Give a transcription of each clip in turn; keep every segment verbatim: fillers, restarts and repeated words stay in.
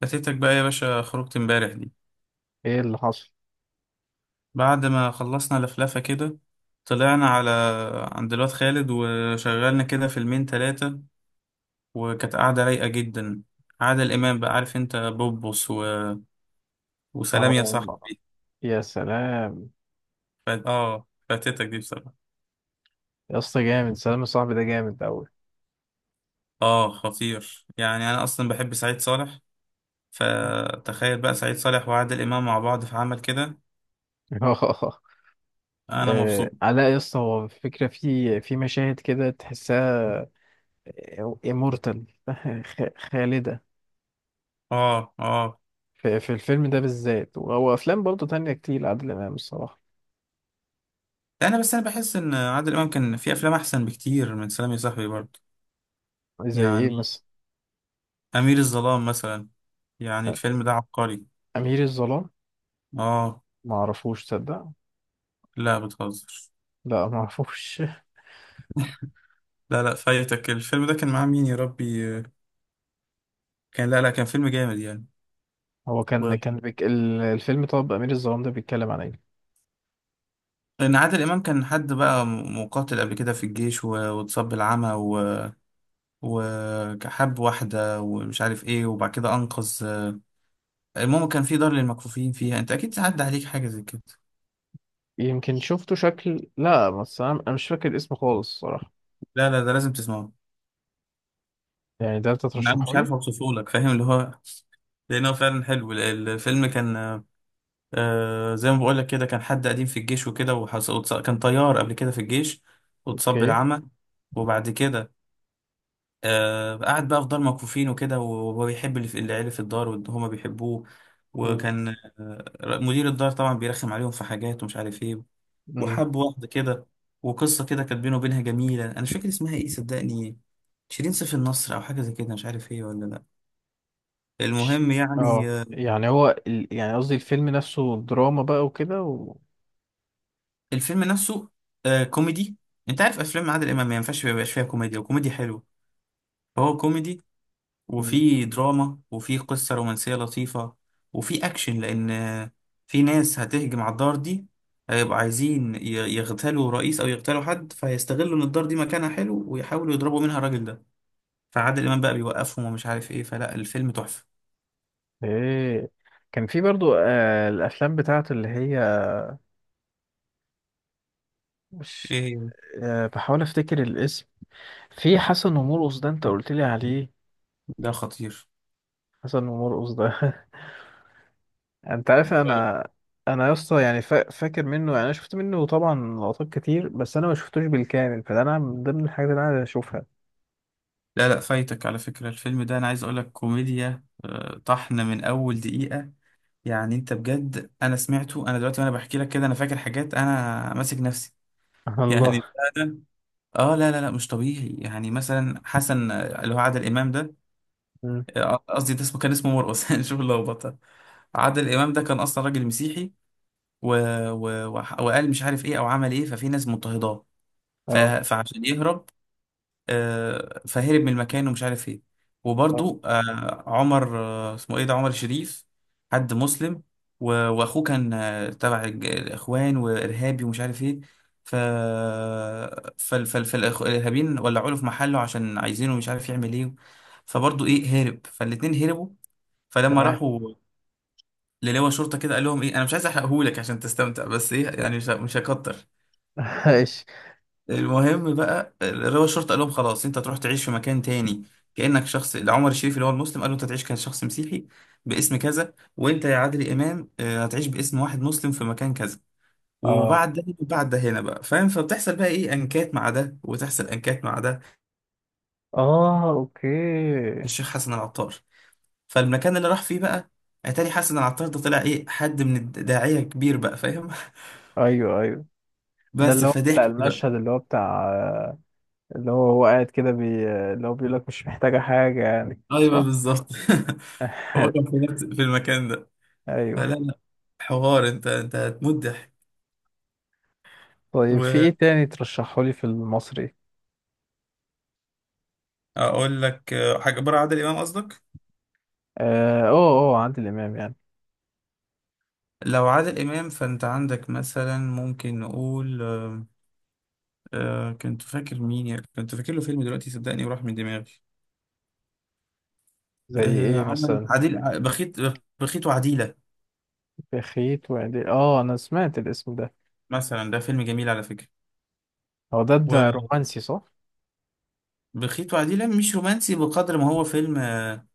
فاتتك بقى يا باشا خروجة امبارح دي. ايه اللي حصل؟ بعد ما خلصنا لفلفة كده، طلعنا على عند الواد خالد وشغلنا كده فيلمين تلاتة. وكانت قعدة رايقة جدا. عادل الإمام بقى، عارف انت، بوبوس و... وسلام اه، يا صاحبي. يا سلام. ف... اه فاتتك دي بصراحة. يا اسطى جامد، سلام صاحبي ده جامد اوي. اه خطير، يعني أنا أصلا بحب سعيد صالح. فتخيل بقى سعيد صالح وعادل إمام مع بعض في عمل كده. اه، أنا مبسوط. علاء يا اسطى، هو الفكره في في مشاهد كده تحسها امورتال خالده. اه اه. في, في الفيلم ده بالذات، وهو افلام برضه تانية كتير لعادل امام الصراحه. أنا بس، أنا بحس إن عادل إمام كان في أفلام أحسن بكتير من سلام يا صاحبي برضه. زي ايه يعني مثلا؟ أمير الظلام مثلا، يعني الفيلم ده عبقري. امير الظلام؟ آه. ما اعرفوش، تصدق؟ لا، بتهزر. لا ما اعرفوش. لا لا، فايتك الفيلم ده. كان معاه مين يا ربي؟ كان لا لا، كان فيلم جامد يعني. هو كان كان و- بيك... ال- الفيلم، طب امير الظلام ده بيتكلم عن ايه؟ لأن عادل إمام كان حد بقى م- مقاتل قبل كده في الجيش، و- واتصاب بالعمى، و- وحب واحدة ومش عارف إيه، وبعد كده أنقذ. المهم، كان في دار للمكفوفين فيها. أنت أكيد عدى عليك حاجة زي كده. يمكن شفته شكل، لا بس انا أنا مش فاكر اسمه خالص الصراحه. لا لا، ده لازم تسمعه. يعني ده انت أنا ترشحه مش لي؟ عارف أوصفه لك، فاهم اللي هو، لأن هو فعلا حلو الفيلم كان. آه، زي ما بقول لك كده، كان حد قديم في الجيش وكده، وحص... وتص... كان طيار قبل كده في الجيش، واتصاب اوكي. بالعمى. وبعد كده، آه قعد بقى في دار مكفوفين وكده، وهو بيحب اللي في- العيلة في الدار، وهما بيحبوه. مم. وكان آه مدير الدار طبعا بيرخم عليهم في حاجات ومش عارف ايه. مم. وحب واحدة كده. وقصة كده كانت بينه وبينها جميلة. أنا مش فاكر اسمها ايه صدقني، شيرين سيف النصر أو حاجة زي كده، مش عارف ايه ولا لأ. ش- المهم يعني، اه، يعني هو ال... يعني قصدي الفيلم نفسه دراما بقى وكده و... الفيلم نفسه آه كوميدي. انت عارف افلام عادل امام ما ينفعش ما يبقاش فيها كوميديا، وكوميدي حلو. فهو كوميدي، مم. وفي دراما، وفي قصة رومانسية لطيفة، وفي اكشن، لان آه، في ناس هتهجم على الدار دي. هيبقوا عايزين ي- يغتالوا رئيس او يغتالوا حد، فهيستغلوا ان الدار دي مكانها حلو ويحاولوا يضربوا منها الراجل ده. فعادل امام بقى بيوقفهم ومش عارف ايه، فلا، الفيلم تحفة. ايه، كان في برضو آه الافلام بتاعته اللي هي مش، ايه آه بحاول افتكر الاسم. في حسن ومرقص ده انت قلت لي عليه. ده خطير. حسن ومرقص ده انت عارف انا انا يا اسطى يعني فا... فاكر منه. يعني انا شفت منه طبعا لقطات كتير، بس انا ما شفتوش بالكامل، فده انا من ضمن الحاجات اللي انا عايز اشوفها. لا لا، فايتك على فكرة. الفيلم ده انا عايز اقولك، كوميديا آه، طحن من اول دقيقة. يعني انت بجد، انا سمعته انا دلوقتي وانا بحكي لك كده، انا فاكر حاجات انا ماسك نفسي. يعني، الله. فعلا. اه لا لا لا، مش طبيعي. يعني مثلا حسن آه، اللي هو عادل امام ده، مم. آه، قصدي ده اسمه كان اسمه مرقص. شوف اللخبطه. عادل امام ده كان اصلا راجل مسيحي، و... و... وح- وقال مش عارف ايه او عمل ايه، ففي ناس مضطهداه. ف... اه، فعشان يهرب، آه، فهرب من المكان ومش عارف ايه. آه. وبرضو آه، عمر آه، اسمه ايه ده، عمر شريف، حد مسلم. و- واخوه كان آه، تبع الج- الاخوان وارهابي ومش عارف ايه. ف فال فال فالارهابيين ولعوا له في محله عشان عايزينه، مش عارف يعمل ايه. فبرضو ايه هرب، فالاتنين هربوا. فلما تمام. راحوا للواء شرطه كده قال لهم ايه، انا مش عايز احرقهولك عشان تستمتع، بس ايه يعني مش مش هكتر. ماشي. المهم بقى، رضا الشرطة قال لهم خلاص، انت تروح تعيش في مكان تاني، كأنك شخص. عمر الشريف اللي هو المسلم قال له انت تعيش كشخص مسيحي باسم كذا، وانت يا عادل امام اه، هتعيش باسم واحد مسلم في مكان كذا. اه وبعد ده وبعد ده هنا بقى فاهم، فبتحصل بقى ايه انكات مع ده وتحصل انكات مع ده. اه، اوكي. الشيخ حسن العطار. فالمكان اللي راح فيه بقى، اتاري حسن العطار ده طلع ايه، حد من الداعية كبير بقى فاهم. ايوه ايوه. ده بس اللي هو بتاع فضحك بقى. المشهد، اللي هو بتاع، اللي هو هو قاعد كده بي... اللي هو بيقول لك مش محتاجة حاجة، يعني ايوه صح؟ بالظبط. هو كان في نفس- في المكان ده. ايوه. فلا لا، حوار. انت انت هتموت ضحك. طيب، في ايه تاني ترشحه لي في المصري؟ واقول لك آه، حاجه بره عادل امام قصدك؟ اه اه، آه، عادل امام يعني. لو عادل امام فانت عندك مثلا، ممكن نقول آه، آه، كنت فاكر مين، يا- كنت فاكر له فيلم دلوقتي صدقني وراح من دماغي. زي آه، ايه عمل مثلا؟ عديل ع- بخيت، بخيت وعديله بخيت وعدي، اه انا سمعت الاسم ده. مثلا. ده فيلم جميل على فكره. هو ده ده رومانسي، صح؟ وبخيت وعديله مش رومانسي بقدر ما هو فيلم آه،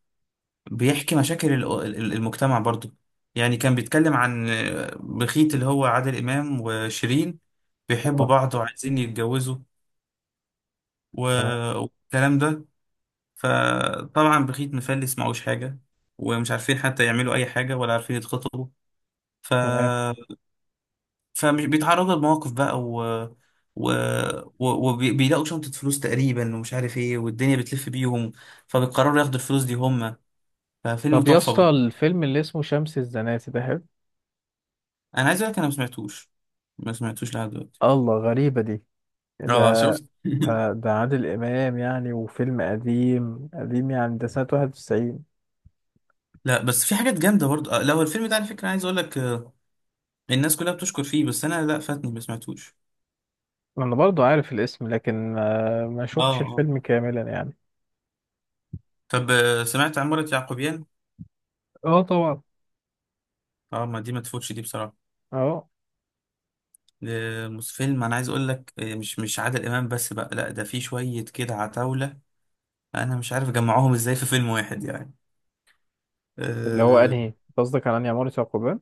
بيحكي مشاكل ال- ال- المجتمع برضو. يعني كان بيتكلم عن بخيت اللي هو عادل إمام وشيرين، بيحبوا اه. بعض وعايزين يتجوزوا، و- تمام. والكلام ده. فطبعا بخيت مفلس معهوش حاجة، ومش عارفين حتى يعملوا أي حاجة، ولا عارفين يتخطبوا. ف تمام. فمش بيتعرضوا لمواقف بقى، و و... و- وبيلاقوا شنطة فلوس تقريبا ومش عارف ايه، والدنيا بتلف بيهم، فبيقرروا ياخدوا الفلوس دي هم. ففيلم طب يا اسطى، تحفة. الفيلم اللي اسمه شمس الزناتي ده حلو. انا عايز اقول لك، انا ما سمعتوش. ما سمعتوش لحد دلوقتي. الله، غريبة دي. ده اه شفت. ده ده عادل إمام يعني، وفيلم قديم قديم يعني، ده سنة واحد وتسعين. لا بس في حاجات جامده برضه آه، لو الفيلم ده على فكره عايز اقول لك آه، الناس كلها بتشكر فيه. بس انا لا، فاتني ما سمعتوش. أنا برضو عارف الاسم لكن ما, ما اه شفتش اه. الفيلم كاملا يعني. طب آه، سمعت عمارة يعقوبيان؟ اه طبعا. اه، ما دي ما تفوتش دي بصراحه. اه، آه، مس- فيلم انا عايز اقول لك آه، مش مش عادل امام بس بقى، لا، ده في شويه كده عتاوله. انا مش عارف اجمعهم ازاي في فيلم واحد يعني. اللي هو اه أنهي، أنت قصدك على أنهي عمارة يعقوبيان؟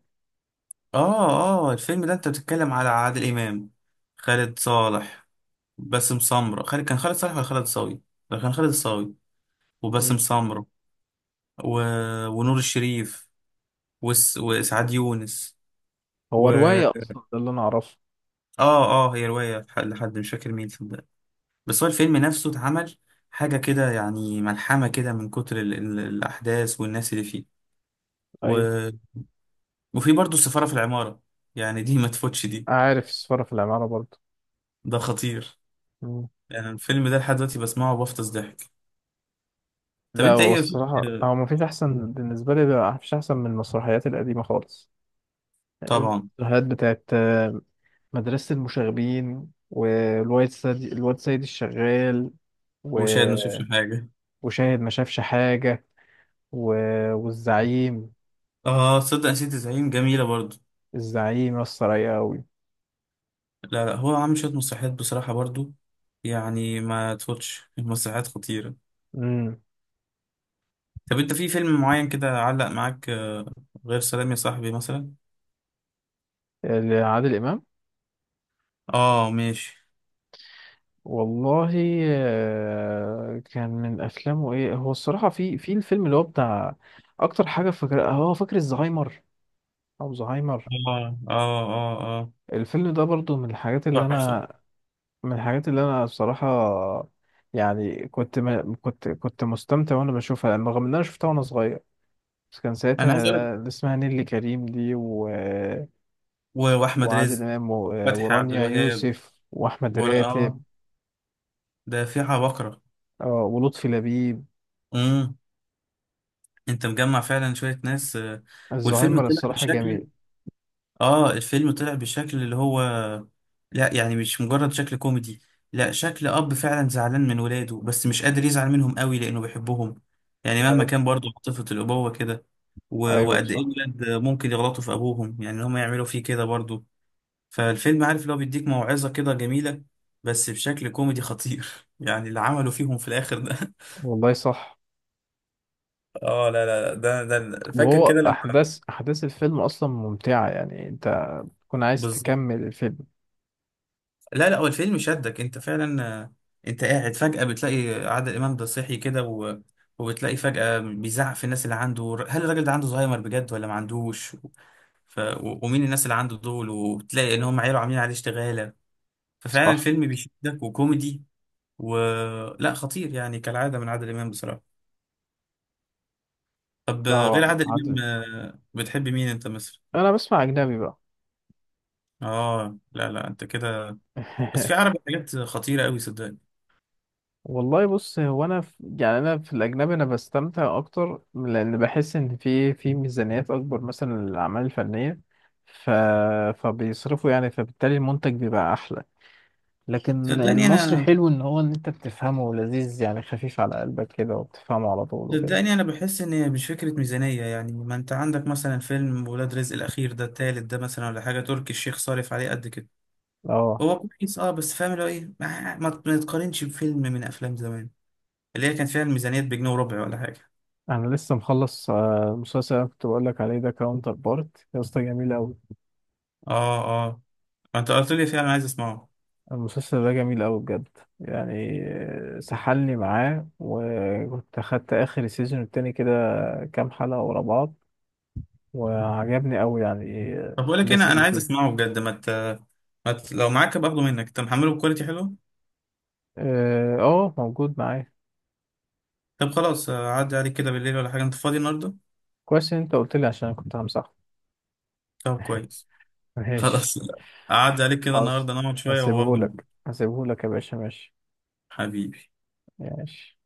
اه. آه، الفيلم ده انت بتتكلم على عادل امام، خالد صالح، باسم سمرة. خالد كان خالد صالح ولا خالد صاوي؟ لا، كان خالد الصاوي مم. وباسم سمرة و... ونور الشريف وس... وسعاد يونس. هو و رواية أصلا، ده اللي أنا أعرفه. اه اه، هي رواية لح- لحد مش فاكر مين صدق. بس هو الفيلم نفسه اتعمل حاجة كده، يعني ملحمة كده من كتر ال... ال... الأحداث والناس اللي فيه، و... أيوة. وفي برضه السفارة في العمارة. يعني دي ما تفوتش دي. عارف السفارة في العمارة برضو. ده خطير. يعني الفيلم ده لحد دلوقتي بسمعه وبفطس ضحك. طب لا، انت هو ايه في- الصراحة، هو مفيش أحسن بالنسبة لي، لا مفيش أحسن من المسرحيات القديمة خالص. يعني طبعا، المسرحيات بتاعت، آه، مدرسة المشاغبين، والواد سيد، الواد سيد الشغال. و... وشاهد ما شافش حاجة. وشاهد ما شافش حاجة. و... والزعيم. اه تصدق نسيت زعيم جميلة برضو. الزعيم يسطا رايقة أوي. لا لا، هو عامل شوية مسرحيات بصراحة برضو. يعني ما تفوتش، المسرحيات خطيرة. أمم. طب انت في فيلم معين كده علق معاك آه، غير سلام يا صاحبي مثلا؟ عادل إمام. اه ماشي. والله، آه، كان من أفلامه إيه هو الصراحة، في في الفيلم اللي هو بتاع. أكتر حاجة فاكر، هو فاكر الزهايمر أو زهايمر. اه اه اه. الفيلم ده برضو من الحاجات اللي اه تحفة. انا، من الحاجات اللي انا بصراحة، يعني كنت ما كنت كنت مستمتع وانا بشوفها، رغم ان انا شفتها وانا صغير. بس كان انا عايز اقول لك، ساعتها اللي اسمها نيللي كريم دي و... و- واحمد وعادل رزق، امام و... فتحي عبد ورانيا الوهاب، يوسف واحمد و راتب، اه ده في عبقرة. آه، ولطفي لبيب. امم. انت مجمع فعلا شوية ناس آه، والفيلم الزهايمر طلع الصراحة بشكل. جميل. اه الفيلم طلع بشكل اللي هو، لا يعني مش مجرد شكل كوميدي، لا شكل اب فعلا زعلان من ولاده بس مش قادر يزعل منهم قوي لانه بيحبهم. يعني مهما أيوة. كان برضه عاطفة الابوة كده، و- ايوه وقد ايه صح. الولاد ممكن يغلطوا في ابوهم، يعني ان هم يعملوا فيه كده برضه. فالفيلم عارف اللي هو بيديك موعظة كده جميلة، بس بشكل كوميدي خطير. يعني اللي عملوا فيهم في الاخر ده. والله صح. اه لا لا لا، ده ده فاكر وهو كده لما. احداث احداث الفيلم اصلا ممتعة، يعني انت تكون عايز بالظبط. تكمل الفيلم. لا لا، هو الفيلم شدك انت فعلا آه، انت قاعد فجأة بتلاقي عادل امام ده صحي كده و... وبتلاقي فجأة بيزعق في الناس اللي عنده. هل الراجل ده عنده زهايمر بجد ولا ما عندوش؟ ف... و... ومين الناس اللي عنده دول، وبتلاقي ان هم عيله عاملين عليه اشتغالة. ففعلا صح. الفيلم بيشدك وكوميدي. و لا، خطير يعني كالعادة من عادل امام بصراحة. طب لا، آه، غير هو عادل امام، عادل، آه، بتحب مين انت مثلا؟ انا بسمع اجنبي بقى. اه لا لا، انت كده. بس في عربي حاجات خطيرة قوي صدقني. والله بص، هو انا في يعني انا في الاجنبي انا بستمتع اكتر، لان بحس ان في في ميزانيات اكبر مثلا للاعمال الفنيه. ف... فبيصرفوا، يعني فبالتالي المنتج بيبقى احلى. لكن صدقني المصري انا، حلو، ان هو ان انت بتفهمه لذيذ، يعني خفيف على قلبك كده، وبتفهمه على طول وكده. صدقني انا بحس ان هي مش فكره ميزانيه. يعني ما انت عندك مثلا فيلم ولاد رزق الاخير ده، التالت ده مثلا، ولا حاجه تركي الشيخ صارف عليه قد كده. اه، هو كويس اه، بس فاهم اللي هو ايه، ما ما ما تقارنش بفيلم من افلام زمان، اللي هي كان فيها الميزانيات بجنيه وربع ولا حاجه. انا لسه مخلص، آه، المسلسل اللي أنا كنت بقول لك عليه ده، كاونتر بارت يا اسطى جميل قوي. اه اه، ما انت قلت لي فعلا عايز اسمعه. المسلسل ده جميل أوي بجد، يعني آه، سحلني معاه، وكنت أخدت آخر السيزون التاني كده كام حلقة ورا بعض، وعجبني أوي، يعني آه، طب بقول لك إيه، الأحداث انا انا اللي عايز فيه. اسمعه بجد. ما ت... ما ت... لو معاك باخده منك، انت محمله بكواليتي حلو. اه، آه، موجود معايا. طب خلاص آه، عدي عليك كده بالليل ولا حاجه، انت فاضي النهارده؟ كويس إن أنت قلت لي، عشان أنا كنت همسحه. طب كويس. ماشي. خلاص. عدي عليك كده خلاص. النهارده نقعد شويه واخده. هسيبهولك، هسيبهولك يا باشا، ماشي. حبيبي. ماشي.